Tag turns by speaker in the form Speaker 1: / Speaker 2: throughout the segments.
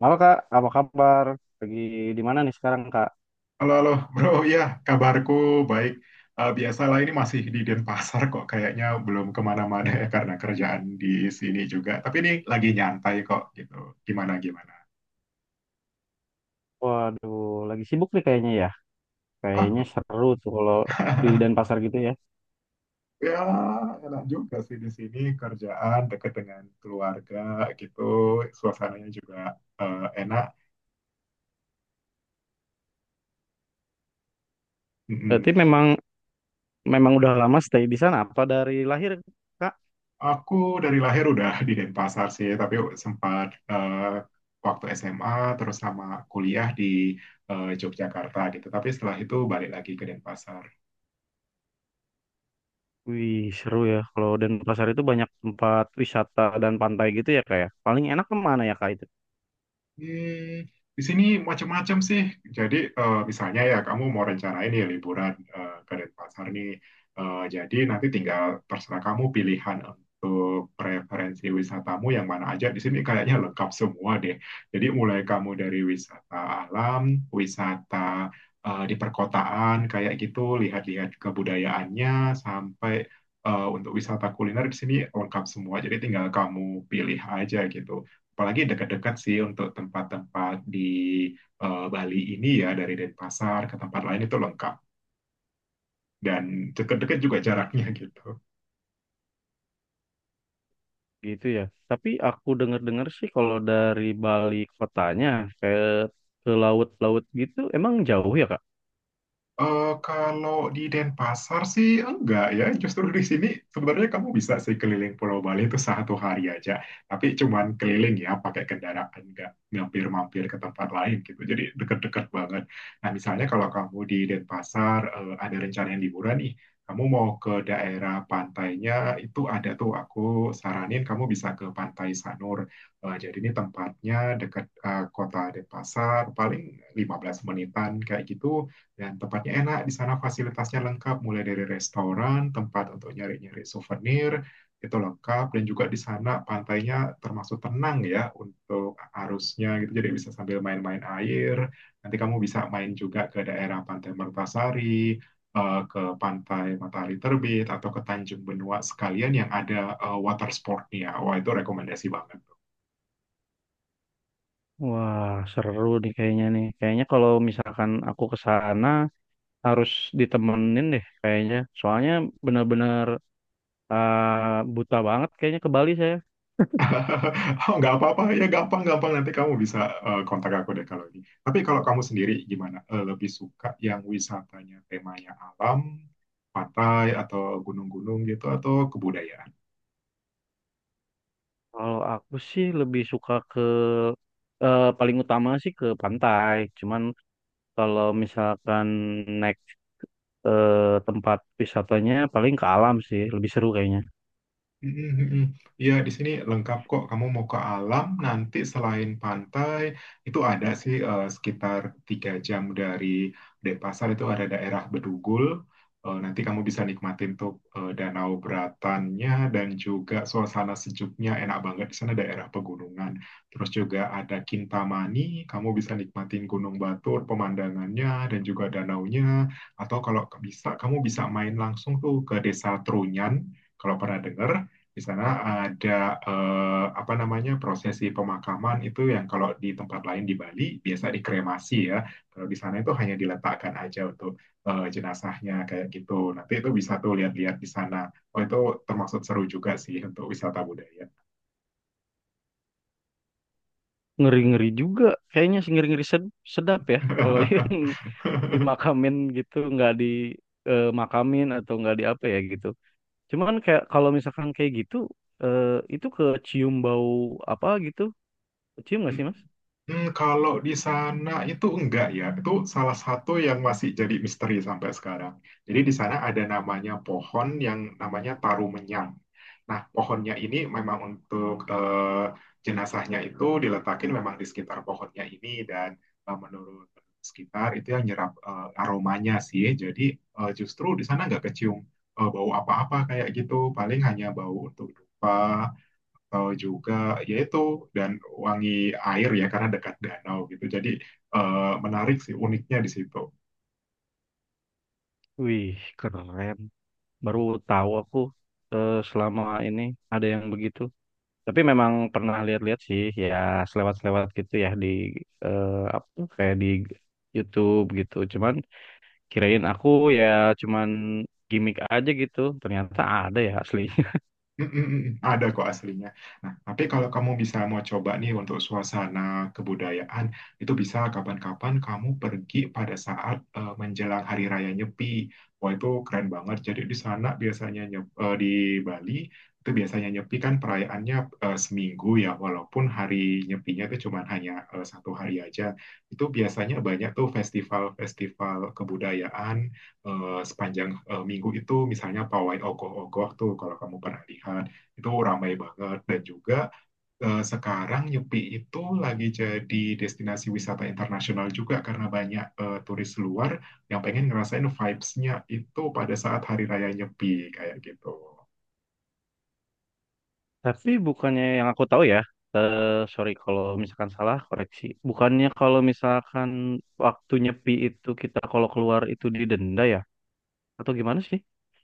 Speaker 1: Halo Kak, apa kabar? Lagi di mana nih sekarang Kak?
Speaker 2: Halo, halo, bro. Ya, kabarku baik. Biasalah ini masih di Denpasar kok. Kayaknya belum kemana-mana ya karena kerjaan di sini juga. Tapi ini lagi nyantai kok gitu. Gimana, gimana?
Speaker 1: Waduh, lagi sibuk nih kayaknya ya.
Speaker 2: Oh,
Speaker 1: Kayaknya seru tuh kalau di Denpasar gitu ya.
Speaker 2: ya enak juga sih di sini kerjaan deket dengan keluarga gitu. Suasananya juga enak.
Speaker 1: Berarti memang memang udah lama stay di sana apa dari lahir Kak?
Speaker 2: Aku dari lahir udah di Denpasar sih, tapi sempat waktu SMA terus sama kuliah di Yogyakarta gitu. Tapi setelah itu balik lagi ke Denpasar.
Speaker 1: Wih, seru ya. Kalau Denpasar itu banyak tempat wisata dan pantai gitu ya Kak ya. Paling enak kemana ya Kak itu?
Speaker 2: Hmm, di sini macam-macam sih. Jadi misalnya ya kamu mau rencanain ya liburan ke Denpasar nih. Jadi nanti tinggal terserah kamu pilihan untuk preferensi wisatamu yang mana aja. Di sini kayaknya lengkap semua deh. Jadi mulai kamu dari wisata alam, wisata di perkotaan kayak gitu, lihat-lihat kebudayaannya sampai untuk wisata kuliner di sini lengkap semua. Jadi tinggal kamu pilih aja gitu, apalagi dekat-dekat sih untuk tempat-tempat di Bali ini ya, dari Denpasar ke tempat lain itu lengkap dan dekat-dekat juga jaraknya gitu.
Speaker 1: Gitu ya. Tapi aku dengar-dengar sih kalau dari Bali kotanya kayak ke laut-laut gitu emang jauh ya Kak, ya?
Speaker 2: Kalau di Denpasar sih enggak ya, justru di sini sebenarnya kamu bisa sih keliling Pulau Bali itu satu hari aja, tapi cuman keliling ya pakai kendaraan, enggak mampir-mampir ke tempat lain gitu, jadi deket-deket banget. Nah misalnya kalau kamu di Denpasar ada rencana yang liburan nih, kamu mau ke daerah pantainya, itu ada tuh aku saranin kamu bisa ke Pantai Sanur. Jadi ini tempatnya dekat kota Denpasar, paling 15 menitan kayak gitu, dan tempatnya enak, di sana fasilitasnya lengkap, mulai dari restoran, tempat untuk nyari-nyari souvenir, itu lengkap, dan juga di sana pantainya termasuk tenang ya untuk arusnya gitu, jadi bisa sambil main-main air, nanti kamu bisa main juga ke daerah Pantai Mertasari, ke Pantai Matahari Terbit, atau ke Tanjung Benua sekalian yang ada water sportnya, wah itu rekomendasi banget.
Speaker 1: Wah, seru nih. Kayaknya kalau misalkan aku ke sana harus ditemenin deh kayaknya. Soalnya benar-benar buta banget kayaknya ke Bali saya.
Speaker 2: Oh, nggak apa-apa ya, gampang-gampang nanti kamu bisa kontak aku deh kalau ini. Tapi kalau kamu sendiri gimana? Eh, lebih suka yang wisatanya temanya alam, pantai atau gunung-gunung gitu atau kebudayaan?
Speaker 1: Kalau aku sih lebih suka ke paling utama sih ke pantai. Cuman kalau misalkan naik tempat wisatanya paling ke alam sih, lebih seru kayaknya.
Speaker 2: Mm, mm, mm. Ya, di sini lengkap kok. Kamu mau ke alam, nanti selain pantai, itu ada sih sekitar 3 jam dari Denpasar itu ada daerah Bedugul. Nanti kamu bisa nikmatin tuh danau beratannya dan juga suasana sejuknya, enak banget di sana daerah pegunungan. Terus juga ada Kintamani, kamu bisa nikmatin Gunung Batur, pemandangannya dan juga danaunya. Atau kalau bisa, kamu bisa main langsung tuh ke Desa Trunyan. Kalau pernah dengar, di sana ada apa namanya prosesi pemakaman itu, yang kalau di tempat lain di Bali biasa dikremasi ya. Kalau di sana itu hanya diletakkan aja untuk jenazahnya kayak gitu. Nanti itu bisa tuh lihat-lihat di sana. Oh itu termasuk seru juga sih untuk wisata budaya.
Speaker 1: Ngeri-ngeri juga. Kayaknya sih ngeri-ngeri sedap ya. Kalau yang dimakamin gitu, nggak dimakamin atau nggak di apa ya gitu. Cuman kayak kalau misalkan kayak gitu, eh, itu kecium bau apa gitu. Kecium nggak sih Mas?
Speaker 2: Hmm, kalau di sana itu enggak ya, itu salah satu yang masih jadi misteri sampai sekarang. Jadi di sana ada namanya pohon yang namanya tarumenyang. Nah, pohonnya ini memang untuk jenazahnya itu diletakin, memang di sekitar pohonnya ini, dan menurut sekitar itu yang nyerap aromanya sih. Jadi justru di sana nggak kecium bau apa-apa kayak gitu, paling hanya bau untuk dupa atau juga yaitu dan wangi air ya karena dekat danau gitu. Jadi eh, menarik sih uniknya di situ.
Speaker 1: Wih, keren. Baru tahu aku selama ini ada yang begitu. Tapi memang pernah lihat-lihat sih, ya selewat-selewat gitu ya di eh, apa kayak di YouTube gitu. Cuman kirain aku ya cuman gimmick aja gitu. Ternyata ada ya asli.
Speaker 2: Mm, mm, mm. Mm. Ada kok aslinya. Nah, tapi kalau kamu bisa mau coba nih untuk suasana kebudayaan, itu bisa kapan-kapan kamu pergi pada saat menjelang Hari Raya Nyepi. Wah, itu keren banget. Jadi di Bali itu biasanya Nyepi kan perayaannya seminggu ya, walaupun hari Nyepinya itu cuma hanya satu hari aja. Itu biasanya banyak tuh festival-festival kebudayaan sepanjang minggu itu, misalnya pawai ogoh-ogoh tuh, kalau kamu pernah lihat itu ramai banget. Dan juga sekarang Nyepi itu lagi jadi destinasi wisata internasional juga, karena banyak turis luar yang pengen ngerasain vibes-nya itu pada saat hari raya Nyepi kayak gitu.
Speaker 1: Tapi bukannya yang aku tahu ya. Eh, sorry kalau misalkan salah koreksi. Bukannya kalau misalkan waktu nyepi itu kita kalau keluar itu didenda ya? Atau gimana sih?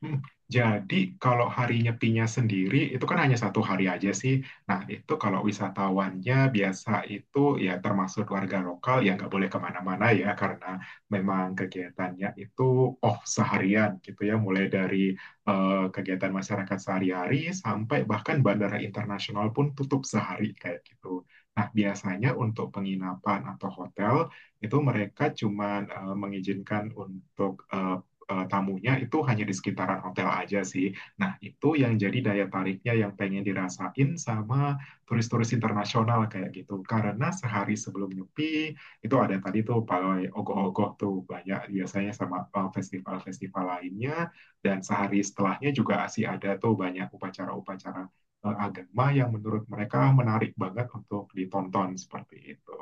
Speaker 2: Hmm, jadi kalau hari nyepinya sendiri itu kan hanya satu hari aja sih. Nah itu kalau wisatawannya biasa itu ya, termasuk warga lokal ya, nggak boleh kemana-mana ya karena memang kegiatannya itu off seharian gitu ya, mulai dari kegiatan masyarakat sehari-hari sampai bahkan bandara internasional pun tutup sehari kayak gitu. Nah biasanya untuk penginapan atau hotel itu mereka cuman mengizinkan untuk tamunya itu hanya di sekitaran hotel aja sih. Nah, itu yang jadi daya tariknya yang pengen dirasain sama turis-turis internasional kayak gitu. Karena sehari sebelum Nyepi, itu ada tadi tuh pawai ogoh-ogoh tuh banyak, biasanya sama festival-festival lainnya. Dan sehari setelahnya juga masih ada tuh banyak upacara-upacara agama yang menurut mereka menarik banget untuk ditonton seperti itu.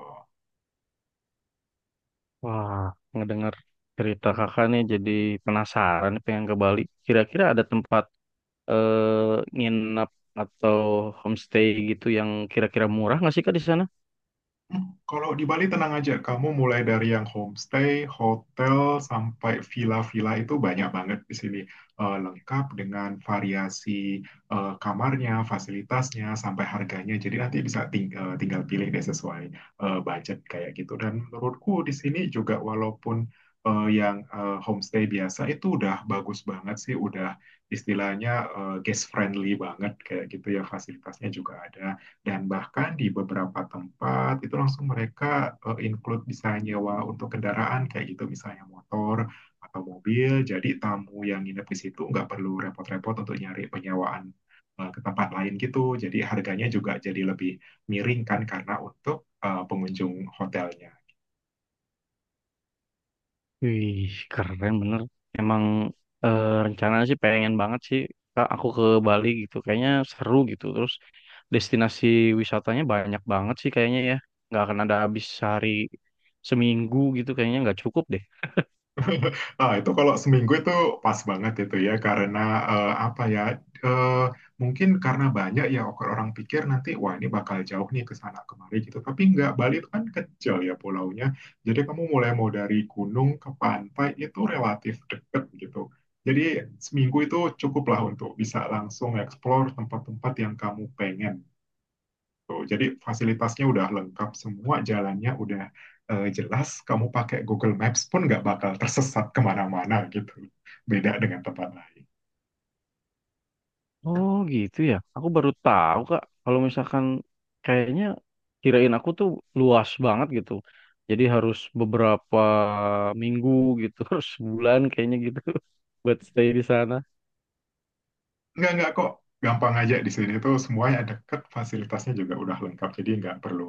Speaker 1: Wah, ngedengar cerita kakak nih jadi penasaran pengen ke Bali. Kira-kira ada tempat eh nginap atau homestay gitu yang kira-kira murah nggak sih kak di sana?
Speaker 2: Kalau di Bali tenang aja, kamu mulai dari yang homestay, hotel, sampai villa-villa itu banyak banget di sini. Lengkap dengan variasi kamarnya, fasilitasnya, sampai harganya. Jadi nanti bisa tinggal pilih deh sesuai budget kayak gitu. Dan menurutku di sini juga walaupun yang homestay biasa itu udah bagus banget sih, udah istilahnya guest friendly banget kayak gitu ya, fasilitasnya juga ada. Dan bahkan di beberapa tempat itu langsung mereka include bisa nyewa untuk kendaraan kayak gitu, misalnya motor atau mobil. Jadi tamu yang nginep di situ nggak perlu repot-repot untuk nyari penyewaan ke tempat lain gitu. Jadi harganya juga jadi lebih miring kan, karena untuk pengunjung hotelnya.
Speaker 1: Wih, keren bener. Emang rencananya sih pengen banget sih Kak, aku ke Bali gitu. Kayaknya seru gitu. Terus destinasi wisatanya banyak banget sih kayaknya ya. Nggak akan ada habis sehari seminggu gitu. Kayaknya nggak cukup deh.
Speaker 2: Nah, itu kalau seminggu itu pas banget itu ya karena apa ya eh, mungkin karena banyak ya orang pikir nanti wah ini bakal jauh nih ke sana kemari gitu, tapi nggak, Bali itu kan kecil ya pulaunya, jadi kamu mulai mau dari gunung ke pantai itu relatif deket gitu, jadi seminggu itu cukuplah untuk bisa langsung explore tempat-tempat yang kamu pengen tuh. Jadi fasilitasnya udah lengkap semua, jalannya udah jelas. Kamu pakai Google Maps pun nggak bakal tersesat kemana-mana gitu. Beda dengan tempat lain.
Speaker 1: Oh gitu ya. Aku baru tahu Kak. Kalau misalkan kayaknya kirain aku tuh luas banget gitu. Jadi harus beberapa minggu gitu. Harus sebulan kayaknya gitu. Buat stay di sana.
Speaker 2: Nggak kok. Gampang aja, di sini tuh semuanya deket, fasilitasnya juga udah lengkap. Jadi nggak perlu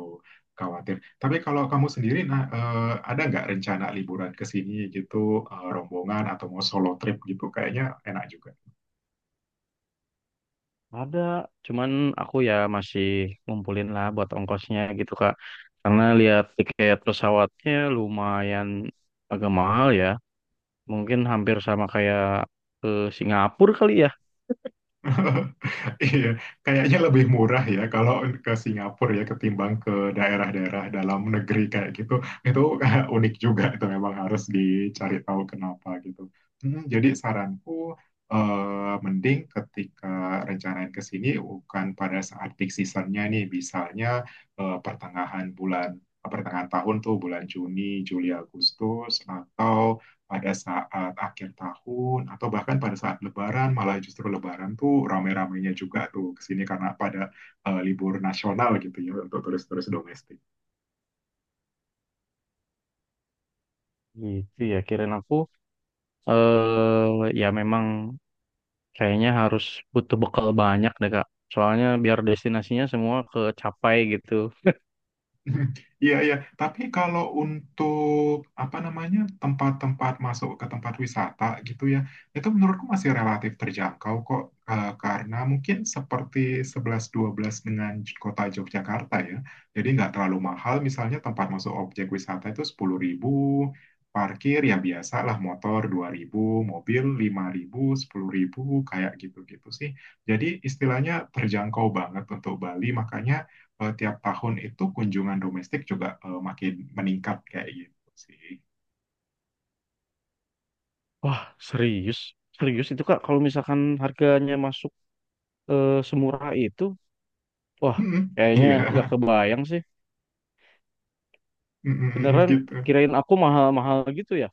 Speaker 2: khawatir. Tapi kalau kamu sendiri, nah, eh, ada nggak rencana liburan ke sini gitu, rombongan atau mau solo trip gitu? Kayaknya enak juga.
Speaker 1: Ada, cuman aku ya masih ngumpulin lah buat ongkosnya gitu Kak. Karena lihat tiket pesawatnya lumayan agak mahal ya. Mungkin hampir sama kayak ke Singapura kali ya.
Speaker 2: Iya, kayaknya lebih murah ya kalau ke Singapura ya ketimbang ke daerah-daerah dalam negeri kayak gitu. Itu unik juga itu, memang harus dicari tahu kenapa gitu. Hmm, jadi saranku mending ketika rencanain ke sini bukan pada saat peak seasonnya nih, misalnya pertengahan tahun tuh bulan Juni, Juli, Agustus, atau pada saat akhir tahun, atau bahkan pada saat Lebaran. Malah justru Lebaran tuh rame-ramenya juga tuh kesini karena pada libur nasional gitu ya untuk turis-turis domestik.
Speaker 1: Gitu ya, kirain aku ya memang kayaknya harus butuh bekal banyak deh Kak. Soalnya biar destinasinya semua kecapai gitu.
Speaker 2: Iya, iya. Tapi kalau untuk apa namanya tempat-tempat masuk ke tempat wisata gitu ya, itu menurutku masih relatif terjangkau kok. Karena mungkin seperti sebelas dua belas dengan kota Yogyakarta ya. Jadi nggak terlalu mahal. Misalnya tempat masuk objek wisata itu 10.000, parkir ya biasa lah, motor 2.000, mobil 5.000 10.000, kayak gitu-gitu sih. Jadi istilahnya terjangkau banget untuk Bali. Makanya tiap tahun itu kunjungan domestik juga makin meningkat kayak gitu sih.
Speaker 1: Wah, serius? Serius itu Kak, kalau misalkan harganya masuk semurah itu. Wah,
Speaker 2: Mm-mm,
Speaker 1: kayaknya nggak
Speaker 2: iya,
Speaker 1: kebayang sih.
Speaker 2: mm-mm,
Speaker 1: Beneran
Speaker 2: gitu.
Speaker 1: kirain aku mahal-mahal gitu ya.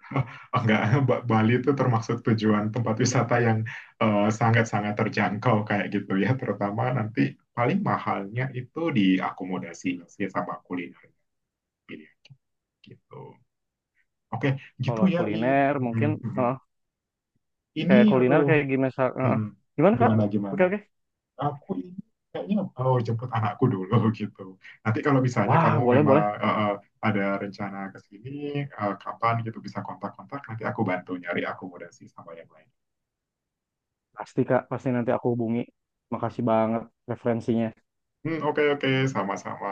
Speaker 2: Oh, enggak, Bali itu termasuk tujuan tempat wisata yang sangat-sangat terjangkau kayak gitu ya, terutama nanti paling mahalnya itu di akomodasinya sih, sama kuliner pilihan gitu. Oke, gitu
Speaker 1: Kalau
Speaker 2: ya, In.
Speaker 1: kuliner
Speaker 2: Mm-mm,
Speaker 1: mungkin
Speaker 2: mm-mm.
Speaker 1: eh,
Speaker 2: Ini,
Speaker 1: kayak kuliner
Speaker 2: aduh,
Speaker 1: kayak gimana? eh,
Speaker 2: mm-mm.
Speaker 1: Gimana Kak?
Speaker 2: Gimana
Speaker 1: Oke
Speaker 2: gimana?
Speaker 1: oke.
Speaker 2: Aku ini kayaknya oh jemput anakku dulu gitu. Nanti kalau misalnya
Speaker 1: Wah,
Speaker 2: kamu
Speaker 1: boleh
Speaker 2: memang
Speaker 1: boleh.
Speaker 2: ada rencana ke sini kapan gitu, bisa kontak-kontak nanti aku bantu nyari akomodasi sama yang lain.
Speaker 1: Pasti Kak, pasti nanti aku hubungi. Makasih banget referensinya.
Speaker 2: Hmm, oke oke, sama-sama.